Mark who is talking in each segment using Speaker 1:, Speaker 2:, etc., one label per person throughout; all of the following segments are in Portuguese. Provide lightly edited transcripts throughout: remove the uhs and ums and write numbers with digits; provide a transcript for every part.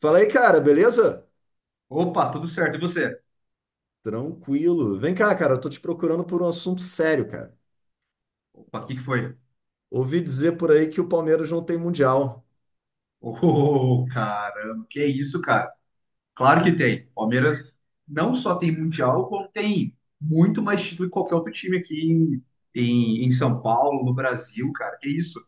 Speaker 1: Fala aí, cara, beleza?
Speaker 2: Opa, tudo certo. E você?
Speaker 1: Tranquilo. Vem cá, cara, eu tô te procurando por um assunto sério, cara.
Speaker 2: Opa, o que que foi?
Speaker 1: Ouvi dizer por aí que o Palmeiras não tem mundial.
Speaker 2: Ô, caramba, que isso, cara? Claro que tem. Palmeiras não só tem Mundial, como tem muito mais título que qualquer outro time aqui em São Paulo, no Brasil, cara. Que isso?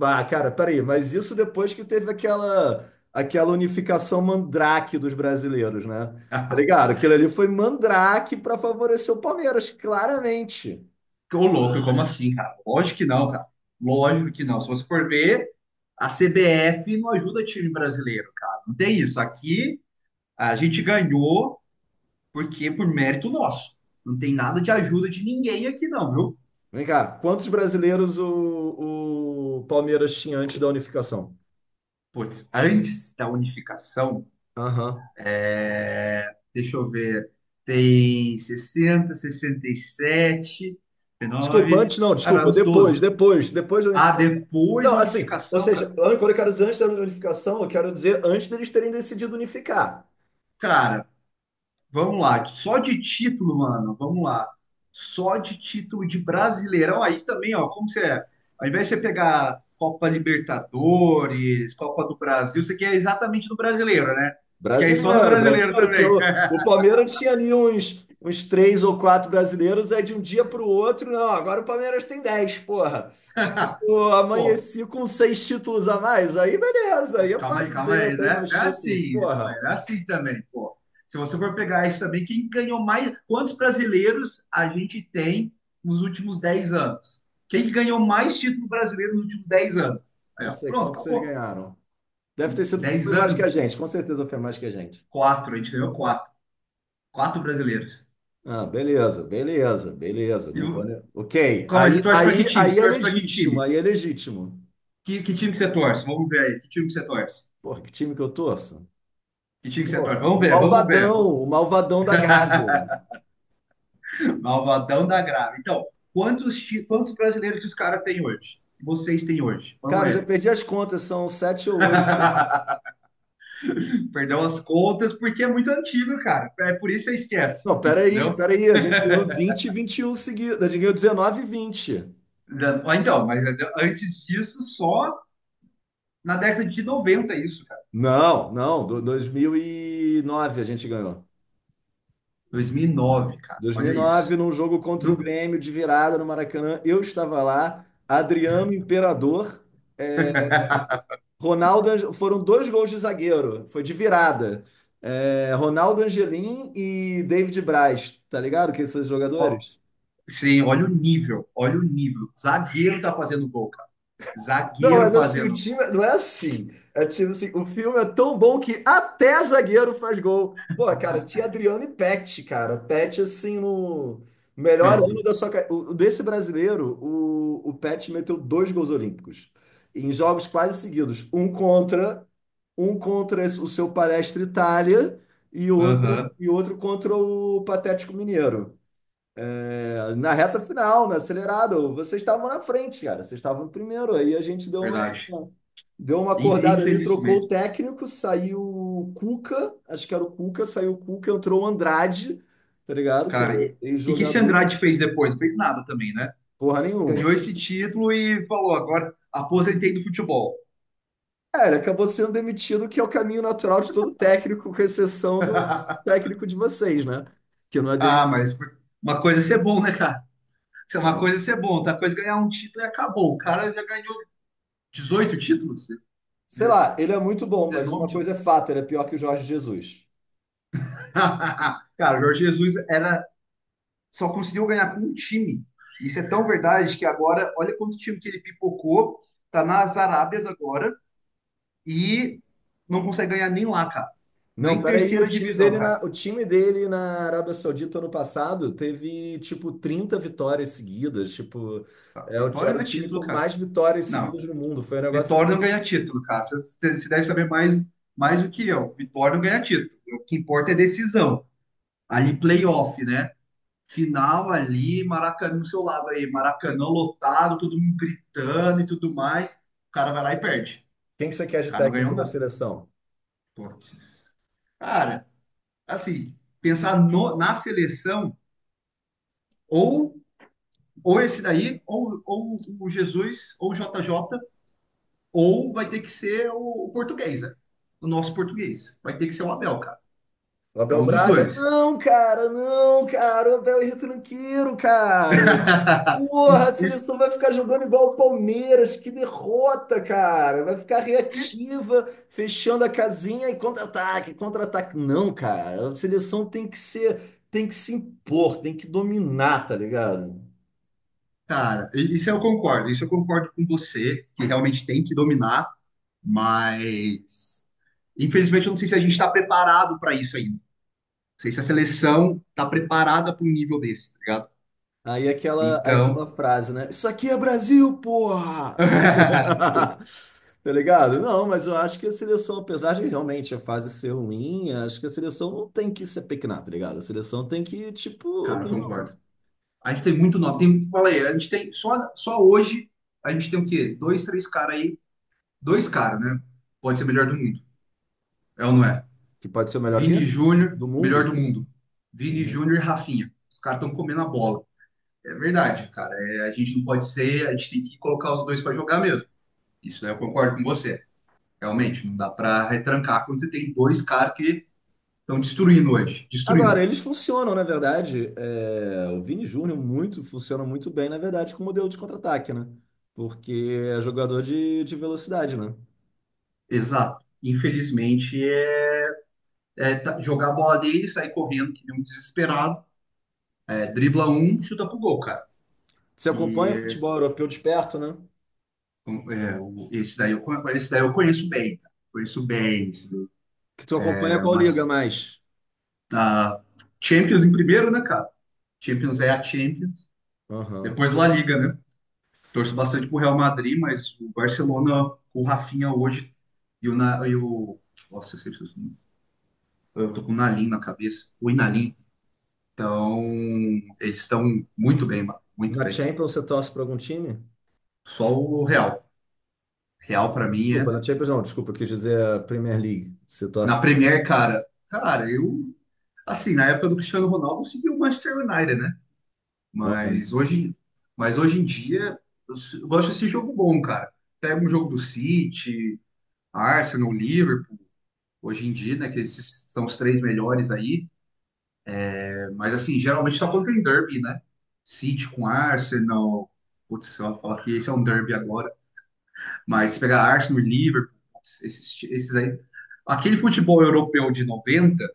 Speaker 1: Ah, cara, peraí, mas isso depois que teve aquela unificação mandrake dos brasileiros, né? Tá ligado? Aquilo ali foi mandrake pra favorecer o Palmeiras, claramente.
Speaker 2: Ô, louco, como assim, cara? Lógico que não, cara. Lógico que não. Se você for ver, a CBF não ajuda time brasileiro, cara. Não tem isso. Aqui a gente ganhou porque por mérito nosso. Não tem nada de ajuda de ninguém aqui, não, viu?
Speaker 1: Vem cá, quantos brasileiros o Palmeiras tinha antes da unificação?
Speaker 2: Putz, antes da unificação,
Speaker 1: Aham.
Speaker 2: é, deixa eu ver, tem 60, 67,
Speaker 1: Desculpa,
Speaker 2: 19,
Speaker 1: antes não,
Speaker 2: cara,
Speaker 1: desculpa,
Speaker 2: uns
Speaker 1: depois,
Speaker 2: 12.
Speaker 1: depois, depois da
Speaker 2: Ah,
Speaker 1: unificação.
Speaker 2: depois
Speaker 1: Não,
Speaker 2: da
Speaker 1: assim, ou
Speaker 2: unificação,
Speaker 1: seja, quando eu quero dizer antes da unificação, eu quero dizer antes deles terem decidido unificar.
Speaker 2: cara, vamos lá, só de título, mano, vamos lá. Só de título de Brasileirão, aí também, ó, como você é, ao invés de você pegar Copa Libertadores, Copa do Brasil, você quer exatamente no brasileiro, né? Você quer ir só no
Speaker 1: Brasileiro,
Speaker 2: brasileiro
Speaker 1: brasileiro, porque
Speaker 2: também.
Speaker 1: o Palmeiras tinha ali uns três ou quatro brasileiros, aí de um dia para o outro, não, agora o Palmeiras tem dez, porra. Pô,
Speaker 2: Pô,
Speaker 1: amanheci com seis títulos a mais, aí beleza,
Speaker 2: Pô,
Speaker 1: aí é
Speaker 2: calma aí,
Speaker 1: fácil
Speaker 2: calma
Speaker 1: dizer, eu
Speaker 2: aí,
Speaker 1: tenho
Speaker 2: né?
Speaker 1: mais
Speaker 2: Não é
Speaker 1: título.
Speaker 2: assim, calma
Speaker 1: Porra,
Speaker 2: aí, não é assim também, pô. Se você for pegar isso também, quem ganhou mais? Quantos brasileiros a gente tem nos últimos 10 anos? Quem que ganhou mais título brasileiro nos últimos 10 anos? Aí,
Speaker 1: não
Speaker 2: ó,
Speaker 1: sei
Speaker 2: pronto,
Speaker 1: quanto vocês
Speaker 2: acabou.
Speaker 1: ganharam. Deve ter sido,
Speaker 2: 10
Speaker 1: foi mais que a
Speaker 2: anos,
Speaker 1: gente, com certeza foi mais que a gente.
Speaker 2: quatro, a gente ganhou quatro. Quatro brasileiros.
Speaker 1: Ah, beleza, beleza, beleza.
Speaker 2: E
Speaker 1: Não vou...
Speaker 2: o-
Speaker 1: ne- Ok.
Speaker 2: Calma aí, você
Speaker 1: Aí,
Speaker 2: torce para
Speaker 1: aí,
Speaker 2: que time?
Speaker 1: aí
Speaker 2: Você
Speaker 1: é
Speaker 2: torce para que
Speaker 1: legítimo,
Speaker 2: time?
Speaker 1: aí é legítimo.
Speaker 2: Que time que você torce? Vamos ver aí, que time que você torce?
Speaker 1: Porra, que time que eu torço?
Speaker 2: Que time que você
Speaker 1: Pô,
Speaker 2: torce? Vamos ver, vamos ver. Vamos.
Speaker 1: o malvadão da Gávea.
Speaker 2: Malvadão da grave. Então, quantos brasileiros que os caras têm hoje? Que vocês têm hoje? Vamos
Speaker 1: Cara, eu já
Speaker 2: ver.
Speaker 1: perdi as contas, são sete ou oito.
Speaker 2: Perdeu as contas porque é muito antigo, cara. É por isso que você esquece,
Speaker 1: Não, peraí,
Speaker 2: entendeu?
Speaker 1: peraí, a gente ganhou 20 e 21 seguidas, a gente ganhou dezenove e 20.
Speaker 2: Então, mas antes disso, só na década de 90 isso, cara.
Speaker 1: Não, não, 2009 a gente ganhou.
Speaker 2: 2009, cara.
Speaker 1: Dois mil e
Speaker 2: Olha
Speaker 1: nove
Speaker 2: isso.
Speaker 1: num jogo contra o
Speaker 2: No-
Speaker 1: Grêmio de virada no Maracanã, eu estava lá, Adriano Imperador, é, Ronaldo, foram dois gols de zagueiro, foi de virada. É, Ronaldo Angelim e David Braz, tá ligado? Quem são os
Speaker 2: ó,
Speaker 1: jogadores?
Speaker 2: sim, olha o nível, olha o nível. Zagueiro tá fazendo gol, cara.
Speaker 1: Não,
Speaker 2: Zagueiro
Speaker 1: mas assim, o
Speaker 2: fazendo gol.
Speaker 1: time não é assim. É tipo assim, o filme é tão bom que até zagueiro faz gol. Pô, cara, tinha Adriano e Pet, cara. Pet, assim, no melhor
Speaker 2: Não.
Speaker 1: ano da sua carreira. Desse brasileiro, o Pet meteu dois gols olímpicos. Em jogos quase seguidos. Um contra o seu Palestra Itália
Speaker 2: Aham,
Speaker 1: e outro contra o Patético Mineiro. É, na reta final, no acelerado, vocês estavam na frente, cara. Vocês estavam em primeiro. Aí a gente deu
Speaker 2: verdade.
Speaker 1: deu uma
Speaker 2: In-
Speaker 1: acordada ali, trocou o
Speaker 2: Infelizmente.
Speaker 1: técnico, saiu o Cuca, acho que era o Cuca, saiu o Cuca, entrou o Andrade, tá ligado? Que era
Speaker 2: Cara, e o que que esse
Speaker 1: ex-jogador,
Speaker 2: Andrade fez depois? Não fez nada também, né?
Speaker 1: porra nenhuma.
Speaker 2: Ganhou esse título e falou, agora aposentei do futebol.
Speaker 1: É, ele acabou sendo demitido, que é o caminho natural de todo técnico, com exceção do técnico de vocês, né? Que não é demitido.
Speaker 2: Ah, mas uma coisa é ser bom, né, cara? Uma coisa é ser bom, outra coisa é ganhar um título e acabou. O cara já ganhou 18 títulos,
Speaker 1: Sei lá, ele é muito bom, mas
Speaker 2: 19
Speaker 1: uma
Speaker 2: títulos.
Speaker 1: coisa é fato, ele é pior que o Jorge Jesus.
Speaker 2: Cara, o Jorge Jesus era, só conseguiu ganhar com um time. Isso é tão verdade que agora, olha quanto time que ele pipocou, tá nas Arábias agora e não consegue ganhar nem lá, cara.
Speaker 1: Não,
Speaker 2: Nem
Speaker 1: peraí,
Speaker 2: terceira divisão, cara.
Speaker 1: o time dele na Arábia Saudita ano passado teve tipo 30 vitórias seguidas, tipo,
Speaker 2: Tá, Vitória
Speaker 1: era
Speaker 2: não
Speaker 1: o
Speaker 2: é
Speaker 1: time
Speaker 2: título,
Speaker 1: com
Speaker 2: cara.
Speaker 1: mais vitórias
Speaker 2: Não,
Speaker 1: seguidas no mundo. Foi um negócio
Speaker 2: Vitória não
Speaker 1: assim.
Speaker 2: ganha título, cara. Você deve saber mais do que eu. Vitória não ganha título. O que importa é decisão. Ali, playoff, né? Final ali, Maracanã no seu lado aí. Maracanã lotado, todo mundo gritando e tudo mais. O cara vai lá e perde.
Speaker 1: Quem que você quer
Speaker 2: O
Speaker 1: de
Speaker 2: cara não ganhou
Speaker 1: técnico da
Speaker 2: nada.
Speaker 1: seleção?
Speaker 2: Putz. Cara, assim, pensar na seleção, ou, ou esse daí, ou o Jesus, ou o JJ. Ou vai ter que ser o português, né? O nosso português. Vai ter que ser o Abel, cara.
Speaker 1: O
Speaker 2: É
Speaker 1: Abel
Speaker 2: um dos
Speaker 1: Braga?
Speaker 2: dois.
Speaker 1: Não, cara, não, cara, o Abel é retranqueiro, cara. Porra, a
Speaker 2: Isso, isso-
Speaker 1: seleção vai ficar jogando igual o Palmeiras, que derrota, cara. Vai ficar reativa, fechando a casinha e contra-ataque, contra-ataque. Não, cara, a seleção tem que ser, tem que se impor, tem que dominar, tá ligado?
Speaker 2: cara, isso eu concordo. Isso eu concordo com você, que realmente tem que dominar, mas infelizmente eu não sei se a gente está preparado para isso ainda. Não sei se a seleção está preparada para um nível desse, tá ligado?
Speaker 1: Aí aquela,
Speaker 2: Então,
Speaker 1: aquela frase, né? Isso aqui é Brasil, porra!
Speaker 2: cara,
Speaker 1: Tá ligado? Não, mas eu acho que a seleção, apesar de realmente a fase ser ruim, acho que a seleção não tem que se apequenar, tá ligado? A seleção tem que, tipo, meu irmão,
Speaker 2: concordo. A gente tem muito nome. Tem, falei, a gente tem só hoje a gente tem o quê? Dois, três caras aí. Dois caras, né? Pode ser melhor do mundo. É ou não é?
Speaker 1: que pode ser o melhor
Speaker 2: Vini
Speaker 1: quê? Do
Speaker 2: Júnior, melhor do
Speaker 1: mundo.
Speaker 2: mundo. Vini
Speaker 1: Uhum.
Speaker 2: Júnior e Rafinha. Os caras estão comendo a bola. É verdade, cara. É, a gente não pode ser, a gente tem que colocar os dois para jogar mesmo. Isso daí eu concordo com você. Realmente, não dá para retrancar quando você tem dois caras que estão destruindo hoje. Destruindo.
Speaker 1: Agora, eles funcionam, na verdade. É, o Vini Júnior muito, funciona muito bem, na verdade, com o modelo de contra-ataque, né? Porque é jogador de velocidade, né?
Speaker 2: Exato. Infelizmente, jogar a bola dele, sair correndo, que nem um desesperado. É, dribla um, chuta pro gol, cara.
Speaker 1: Você acompanha o
Speaker 2: E
Speaker 1: futebol europeu de perto, né?
Speaker 2: Esse daí eu conheço bem, cara. Conheço bem, esse daí,
Speaker 1: Que tu acompanha
Speaker 2: né?
Speaker 1: qual liga
Speaker 2: Mas
Speaker 1: mais?
Speaker 2: tá, Champions em primeiro, né, cara? Champions é a Champions.
Speaker 1: Aham.
Speaker 2: Depois La Liga, né? Torço bastante pro Real Madrid, mas o Barcelona com o Rafinha hoje e o, Na- e o nossa, eu sempre esqueço o nome. Eu tô com o Nalim na cabeça, o Inalim. Então, eles estão muito bem, mano, muito
Speaker 1: Na
Speaker 2: bem.
Speaker 1: Champions você torce para algum time?
Speaker 2: Só o Real. Real pra mim
Speaker 1: Desculpa,
Speaker 2: é
Speaker 1: na Champions não, desculpa, eu quis dizer a Premier League. Você torce.
Speaker 2: na Premier, cara. Cara, eu assim, na época do Cristiano Ronaldo, eu segui o Manchester United, né?
Speaker 1: Aham.
Speaker 2: Mas hoje, mas hoje em dia, eu gosto desse jogo bom, cara. Pega um jogo do City, Arsenal, Liverpool, hoje em dia, né, que esses são os três melhores aí. É, mas, assim, geralmente só quando tem derby, né? City com Arsenal. Putz, só falar que esse é um derby agora. Mas se pegar Arsenal e Liverpool, putz, esses aí. Aquele futebol europeu de noventa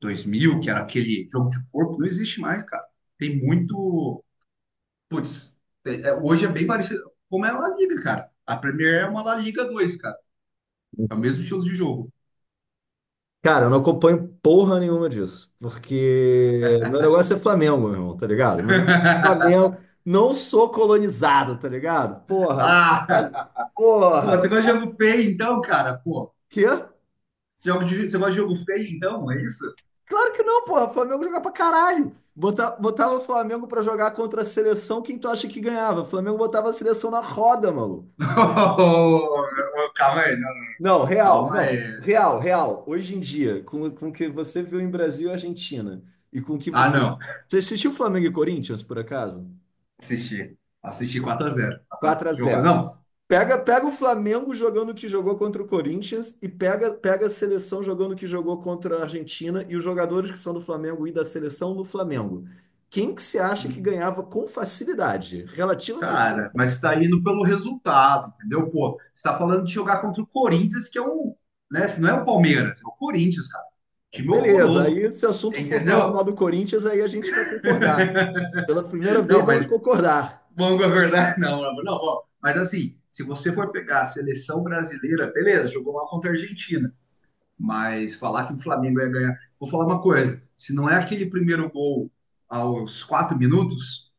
Speaker 2: dois mil que era aquele jogo de corpo, não existe mais, cara. Tem muito. Putz, hoje é bem parecido como é a La Liga, cara. A Premier é uma La Liga 2, cara. É o mesmo estilo de jogo.
Speaker 1: Cara, eu não acompanho porra nenhuma disso, porque meu negócio é Flamengo, meu irmão, tá ligado? Meu negócio é Flamengo, não sou colonizado, tá ligado? Porra, não-
Speaker 2: Ah, pô, você
Speaker 1: porra.
Speaker 2: gosta de jogo feio então, cara? Pô,
Speaker 1: Quê?
Speaker 2: você gosta de jogo feio então? É isso?
Speaker 1: Claro que não, porra. Flamengo joga pra caralho. Bota- Botava o Flamengo pra jogar contra a seleção, quem tu acha que ganhava? O Flamengo botava a seleção na roda, maluco.
Speaker 2: Ô, calma aí, não,
Speaker 1: Não, real,
Speaker 2: calma aí.
Speaker 1: não, real, real. Hoje em dia, com o que você viu em Brasil e Argentina, e com o que
Speaker 2: Ah,
Speaker 1: você.
Speaker 2: não.
Speaker 1: Você assistiu Flamengo e Corinthians, por acaso?
Speaker 2: Assisti. Assisti
Speaker 1: Assistiu.
Speaker 2: 4-0.
Speaker 1: 4 a
Speaker 2: Jogando,
Speaker 1: 0.
Speaker 2: não.
Speaker 1: Pega, pega o Flamengo jogando o que jogou contra o Corinthians e pega, pega a seleção jogando o que jogou contra a Argentina e os jogadores que são do Flamengo e da seleção no Flamengo. Quem que você acha que ganhava com facilidade? Relativa facilidade.
Speaker 2: Cara, mas está indo pelo resultado, entendeu? Pô, você está falando de jogar contra o Corinthians, que é um, né? Se não é o Palmeiras, é o Corinthians, cara. Time
Speaker 1: Beleza,
Speaker 2: horroroso,
Speaker 1: aí se o assunto for falar
Speaker 2: entendeu?
Speaker 1: mal do Corinthians, aí a gente vai concordar. Pela primeira vez
Speaker 2: Não,
Speaker 1: vamos
Speaker 2: mas
Speaker 1: concordar.
Speaker 2: vamos com a verdade, não, não, ó, mas assim, se você for pegar a seleção brasileira, beleza, jogou lá contra a Argentina. Mas falar que o Flamengo ia ganhar. Vou falar uma coisa: se não é aquele primeiro gol aos 4 minutos,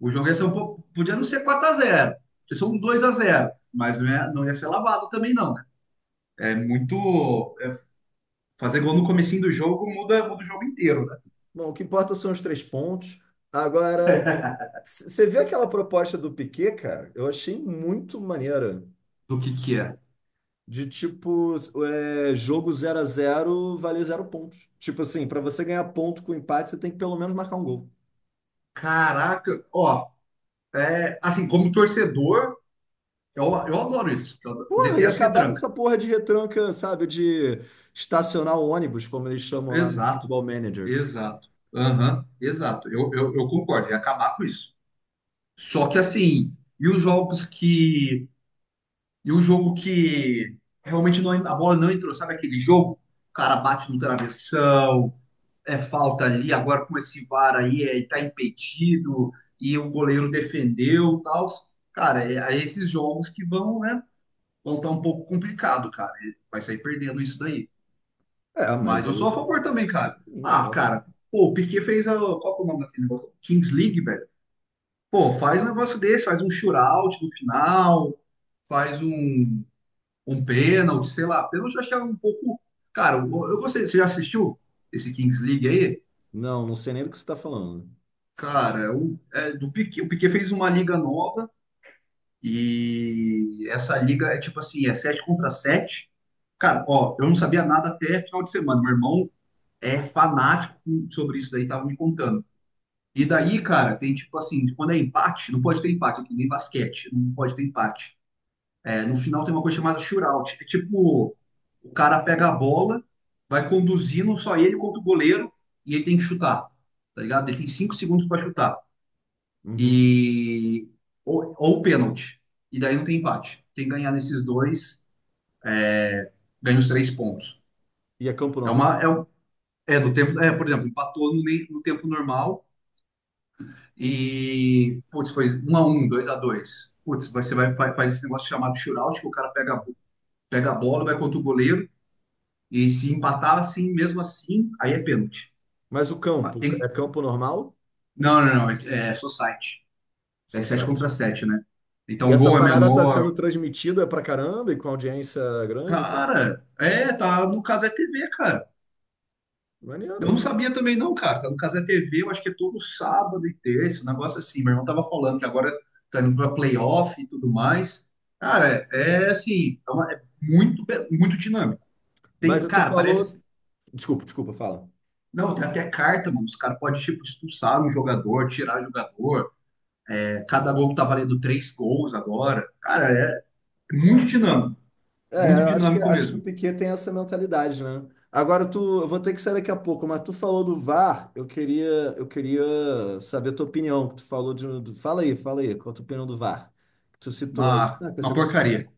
Speaker 2: o jogo ia ser um pouco. Podia não ser 4-0. Podia ser um 2-0. Mas não ia ser lavado também, não, né? É muito. Fazer gol no comecinho do jogo muda o jogo inteiro, né?
Speaker 1: Bom, o que importa são os três pontos. Agora, você viu aquela proposta do Piquet, cara? Eu achei muito maneira.
Speaker 2: Do que é.
Speaker 1: De tipo, é, jogo 0 a zero vale zero pontos. Tipo assim, pra você ganhar ponto com empate, você tem que pelo menos marcar um gol.
Speaker 2: Caraca, ó, assim, como torcedor, eu adoro isso. Eu
Speaker 1: Porra, e
Speaker 2: detesto
Speaker 1: acabar com
Speaker 2: retranca.
Speaker 1: essa porra de retranca, sabe? De estacionar o ônibus, como eles chamam lá no
Speaker 2: Exato,
Speaker 1: Football Manager.
Speaker 2: exato. Aham, exato. Eu concordo, ia acabar com isso. Só que assim, e os jogos que. E o jogo que realmente não, a bola não entrou, sabe aquele jogo? O cara bate no travessão, é falta ali, agora com esse VAR aí, tá impedido, e o goleiro defendeu e tal. Cara, é esses jogos que vão, né? Vão estar um pouco complicado, cara. Ele vai sair perdendo isso daí.
Speaker 1: É,
Speaker 2: Mas
Speaker 1: mas
Speaker 2: eu sou
Speaker 1: aí.
Speaker 2: a favor também, cara.
Speaker 1: Isso,
Speaker 2: Ah,
Speaker 1: é.
Speaker 2: cara, pô, o Piquet fez a. Qual que é o nome daquele negócio? Kings League, velho. Pô, faz um negócio desse, faz um shootout no final, faz um pênalti, sei lá. Pênalti eu acho que é um pouco. Cara, eu gostei. Você já assistiu esse Kings League aí?
Speaker 1: Não, não sei nem do que você tá falando.
Speaker 2: Cara, é do Piquet, o Piquet fez uma liga nova e essa liga é tipo assim, é 7 contra 7. Cara, ó, eu não sabia nada até final de semana. Meu irmão é fanático sobre isso daí, tava me contando. E daí, cara, tem tipo assim, quando é empate, não pode ter empate aqui, nem basquete, não pode ter empate. É, no final tem uma coisa chamada shootout. É tipo, o cara pega a bola, vai conduzindo só ele contra o goleiro e ele tem que chutar, tá ligado? Ele tem 5 segundos para chutar.
Speaker 1: Uhum.
Speaker 2: E ou pênalti. E daí não tem empate. Quem ganhar nesses dois ganha os três pontos.
Speaker 1: E é campo
Speaker 2: É
Speaker 1: normal?
Speaker 2: uma é, um- é do tempo, por exemplo, empatou no tempo normal e putz, foi 1-1, 2-2. Putz, faz esse negócio chamado shootout, que o cara pega a bola, vai contra o goleiro. E se empatar assim, mesmo assim, aí é pênalti.
Speaker 1: Mas o
Speaker 2: Mas
Speaker 1: campo, é
Speaker 2: tem.
Speaker 1: campo normal?
Speaker 2: Não, não, não. É society. É 7
Speaker 1: Society.
Speaker 2: contra sete, né?
Speaker 1: E
Speaker 2: Então o
Speaker 1: essa
Speaker 2: gol é
Speaker 1: parada tá sendo
Speaker 2: menor.
Speaker 1: transmitida pra caramba e com audiência grande, então,
Speaker 2: Cara, tá no Casé TV, cara. Eu não
Speaker 1: maneiro.
Speaker 2: sabia também, não, cara. Tá no Casé TV, eu acho que é todo sábado e terça, um negócio assim. Meu irmão tava falando que agora tá indo pra playoff e tudo mais. Cara, é assim, é muito, muito dinâmico. Tem,
Speaker 1: Mas tu
Speaker 2: cara, parece,
Speaker 1: falou.
Speaker 2: assim.
Speaker 1: Desculpa, desculpa, fala.
Speaker 2: Não, tem até carta, mano. Os caras podem, tipo, expulsar um jogador, tirar jogador. Cada gol que tá valendo três gols agora. Cara, é muito dinâmico.
Speaker 1: É,
Speaker 2: Muito dinâmico
Speaker 1: acho que o
Speaker 2: mesmo.
Speaker 1: Piquet tem essa mentalidade, né? Agora tu, eu vou ter que sair daqui a pouco, mas tu falou do VAR, eu queria saber a tua opinião, que tu falou de, um, fala aí, qual a tua opinião do VAR? Que tu citou aí.
Speaker 2: Uma,
Speaker 1: Ah, que você
Speaker 2: uma
Speaker 1: gosta de VAR?
Speaker 2: porcaria.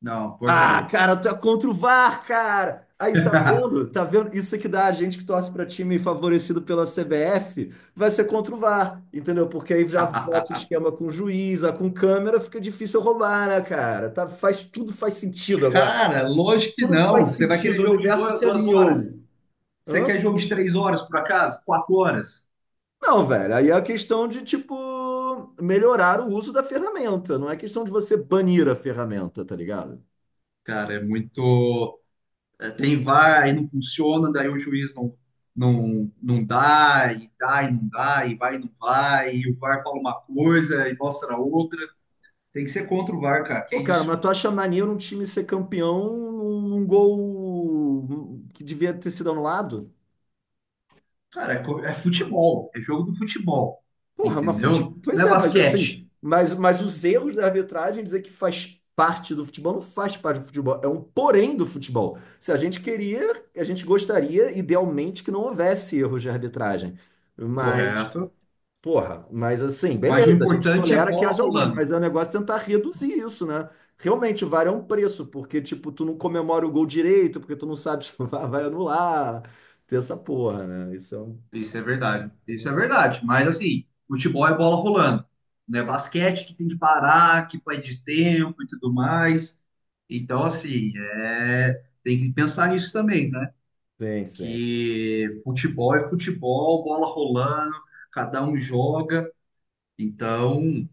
Speaker 2: Não,
Speaker 1: Ah,
Speaker 2: porcaria.
Speaker 1: cara, tu é contra o VAR, cara! Aí, tá vendo? Tá vendo? Isso é que dá a gente que torce pra time favorecido pela CBF, vai ser contra o VAR, entendeu? Porque aí já bota o esquema com juiz, ah, com câmera, fica difícil roubar, né, cara? Tá, faz, tudo faz sentido agora,
Speaker 2: Cara, lógico que
Speaker 1: tudo
Speaker 2: não.
Speaker 1: faz
Speaker 2: Você vai
Speaker 1: sentido,
Speaker 2: querer
Speaker 1: o
Speaker 2: jogo de
Speaker 1: universo
Speaker 2: duas,
Speaker 1: se
Speaker 2: duas
Speaker 1: alinhou.
Speaker 2: horas. Você
Speaker 1: Hã?
Speaker 2: quer jogo de 3 horas, por acaso? 4 horas.
Speaker 1: Não, velho. Aí é a questão de, tipo, melhorar o uso da ferramenta. Não é questão de você banir a ferramenta, tá ligado?
Speaker 2: Cara, é muito. Tem VAR e não funciona, daí o juiz não dá, e dá e não dá, e vai e não vai, e o VAR fala uma coisa e mostra outra. Tem que ser contra o VAR, cara. Que
Speaker 1: Pô, cara,
Speaker 2: isso.
Speaker 1: mas tu acha maneiro um time ser campeão num, num gol que devia ter sido anulado?
Speaker 2: Cara, é futebol, é jogo do futebol,
Speaker 1: Porra, mas fute...
Speaker 2: entendeu?
Speaker 1: Pois
Speaker 2: Não é
Speaker 1: é, mas
Speaker 2: basquete,
Speaker 1: assim, mas os erros da arbitragem dizer que faz parte do futebol não faz parte do futebol, é um porém do futebol. Se a gente queria, a gente gostaria idealmente que não houvesse erros de arbitragem. Mas,
Speaker 2: correto?
Speaker 1: porra, mas assim,
Speaker 2: Mas o
Speaker 1: beleza, a gente
Speaker 2: importante é
Speaker 1: tolera que
Speaker 2: bola
Speaker 1: haja alguns,
Speaker 2: rolando.
Speaker 1: mas é um negócio tentar reduzir isso, né? Realmente, o VAR é um preço, porque, tipo, tu não comemora o gol direito, porque tu não sabe se o VAR vai anular. Tem essa porra, né? Isso é um.
Speaker 2: Isso é verdade, isso é verdade. Mas assim, futebol é bola rolando, não é basquete que tem que parar, que vai de tempo e tudo mais. Então, assim, tem que pensar nisso também, né?
Speaker 1: Sim, sim.
Speaker 2: Que futebol é futebol, bola rolando, cada um joga. Então.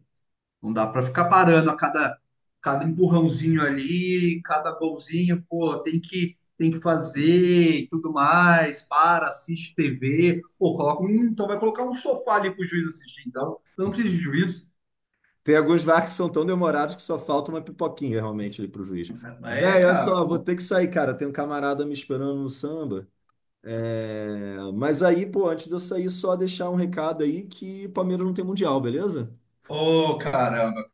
Speaker 2: Não dá para ficar parando a cada empurrãozinho ali, cada golzinho, pô, tem que fazer e tudo mais, para, assiste TV, pô, coloca um, então vai colocar um sofá ali pro juiz assistir, então, eu não preciso de juiz.
Speaker 1: Tem alguns VAR que são tão demorados que só falta uma pipoquinha realmente ali pro juiz.
Speaker 2: É,
Speaker 1: Véi, olha
Speaker 2: cara,
Speaker 1: só, vou
Speaker 2: pô.
Speaker 1: ter que sair, cara. Tem um camarada me esperando no samba. É, mas aí, pô, antes de eu sair, só deixar um recado aí que o Palmeiras não tem mundial, beleza?
Speaker 2: Ô, caramba.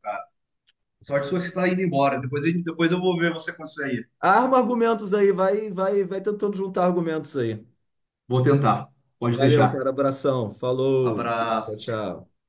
Speaker 2: Sorte sua que você tá indo embora. Depois, depois eu vou ver você com isso aí.
Speaker 1: Arma argumentos aí, vai, vai, vai tentando juntar argumentos aí.
Speaker 2: Vou tentar. Pode
Speaker 1: Valeu,
Speaker 2: deixar.
Speaker 1: cara. Abração. Falou. Tchau,
Speaker 2: Abraço.
Speaker 1: tchau.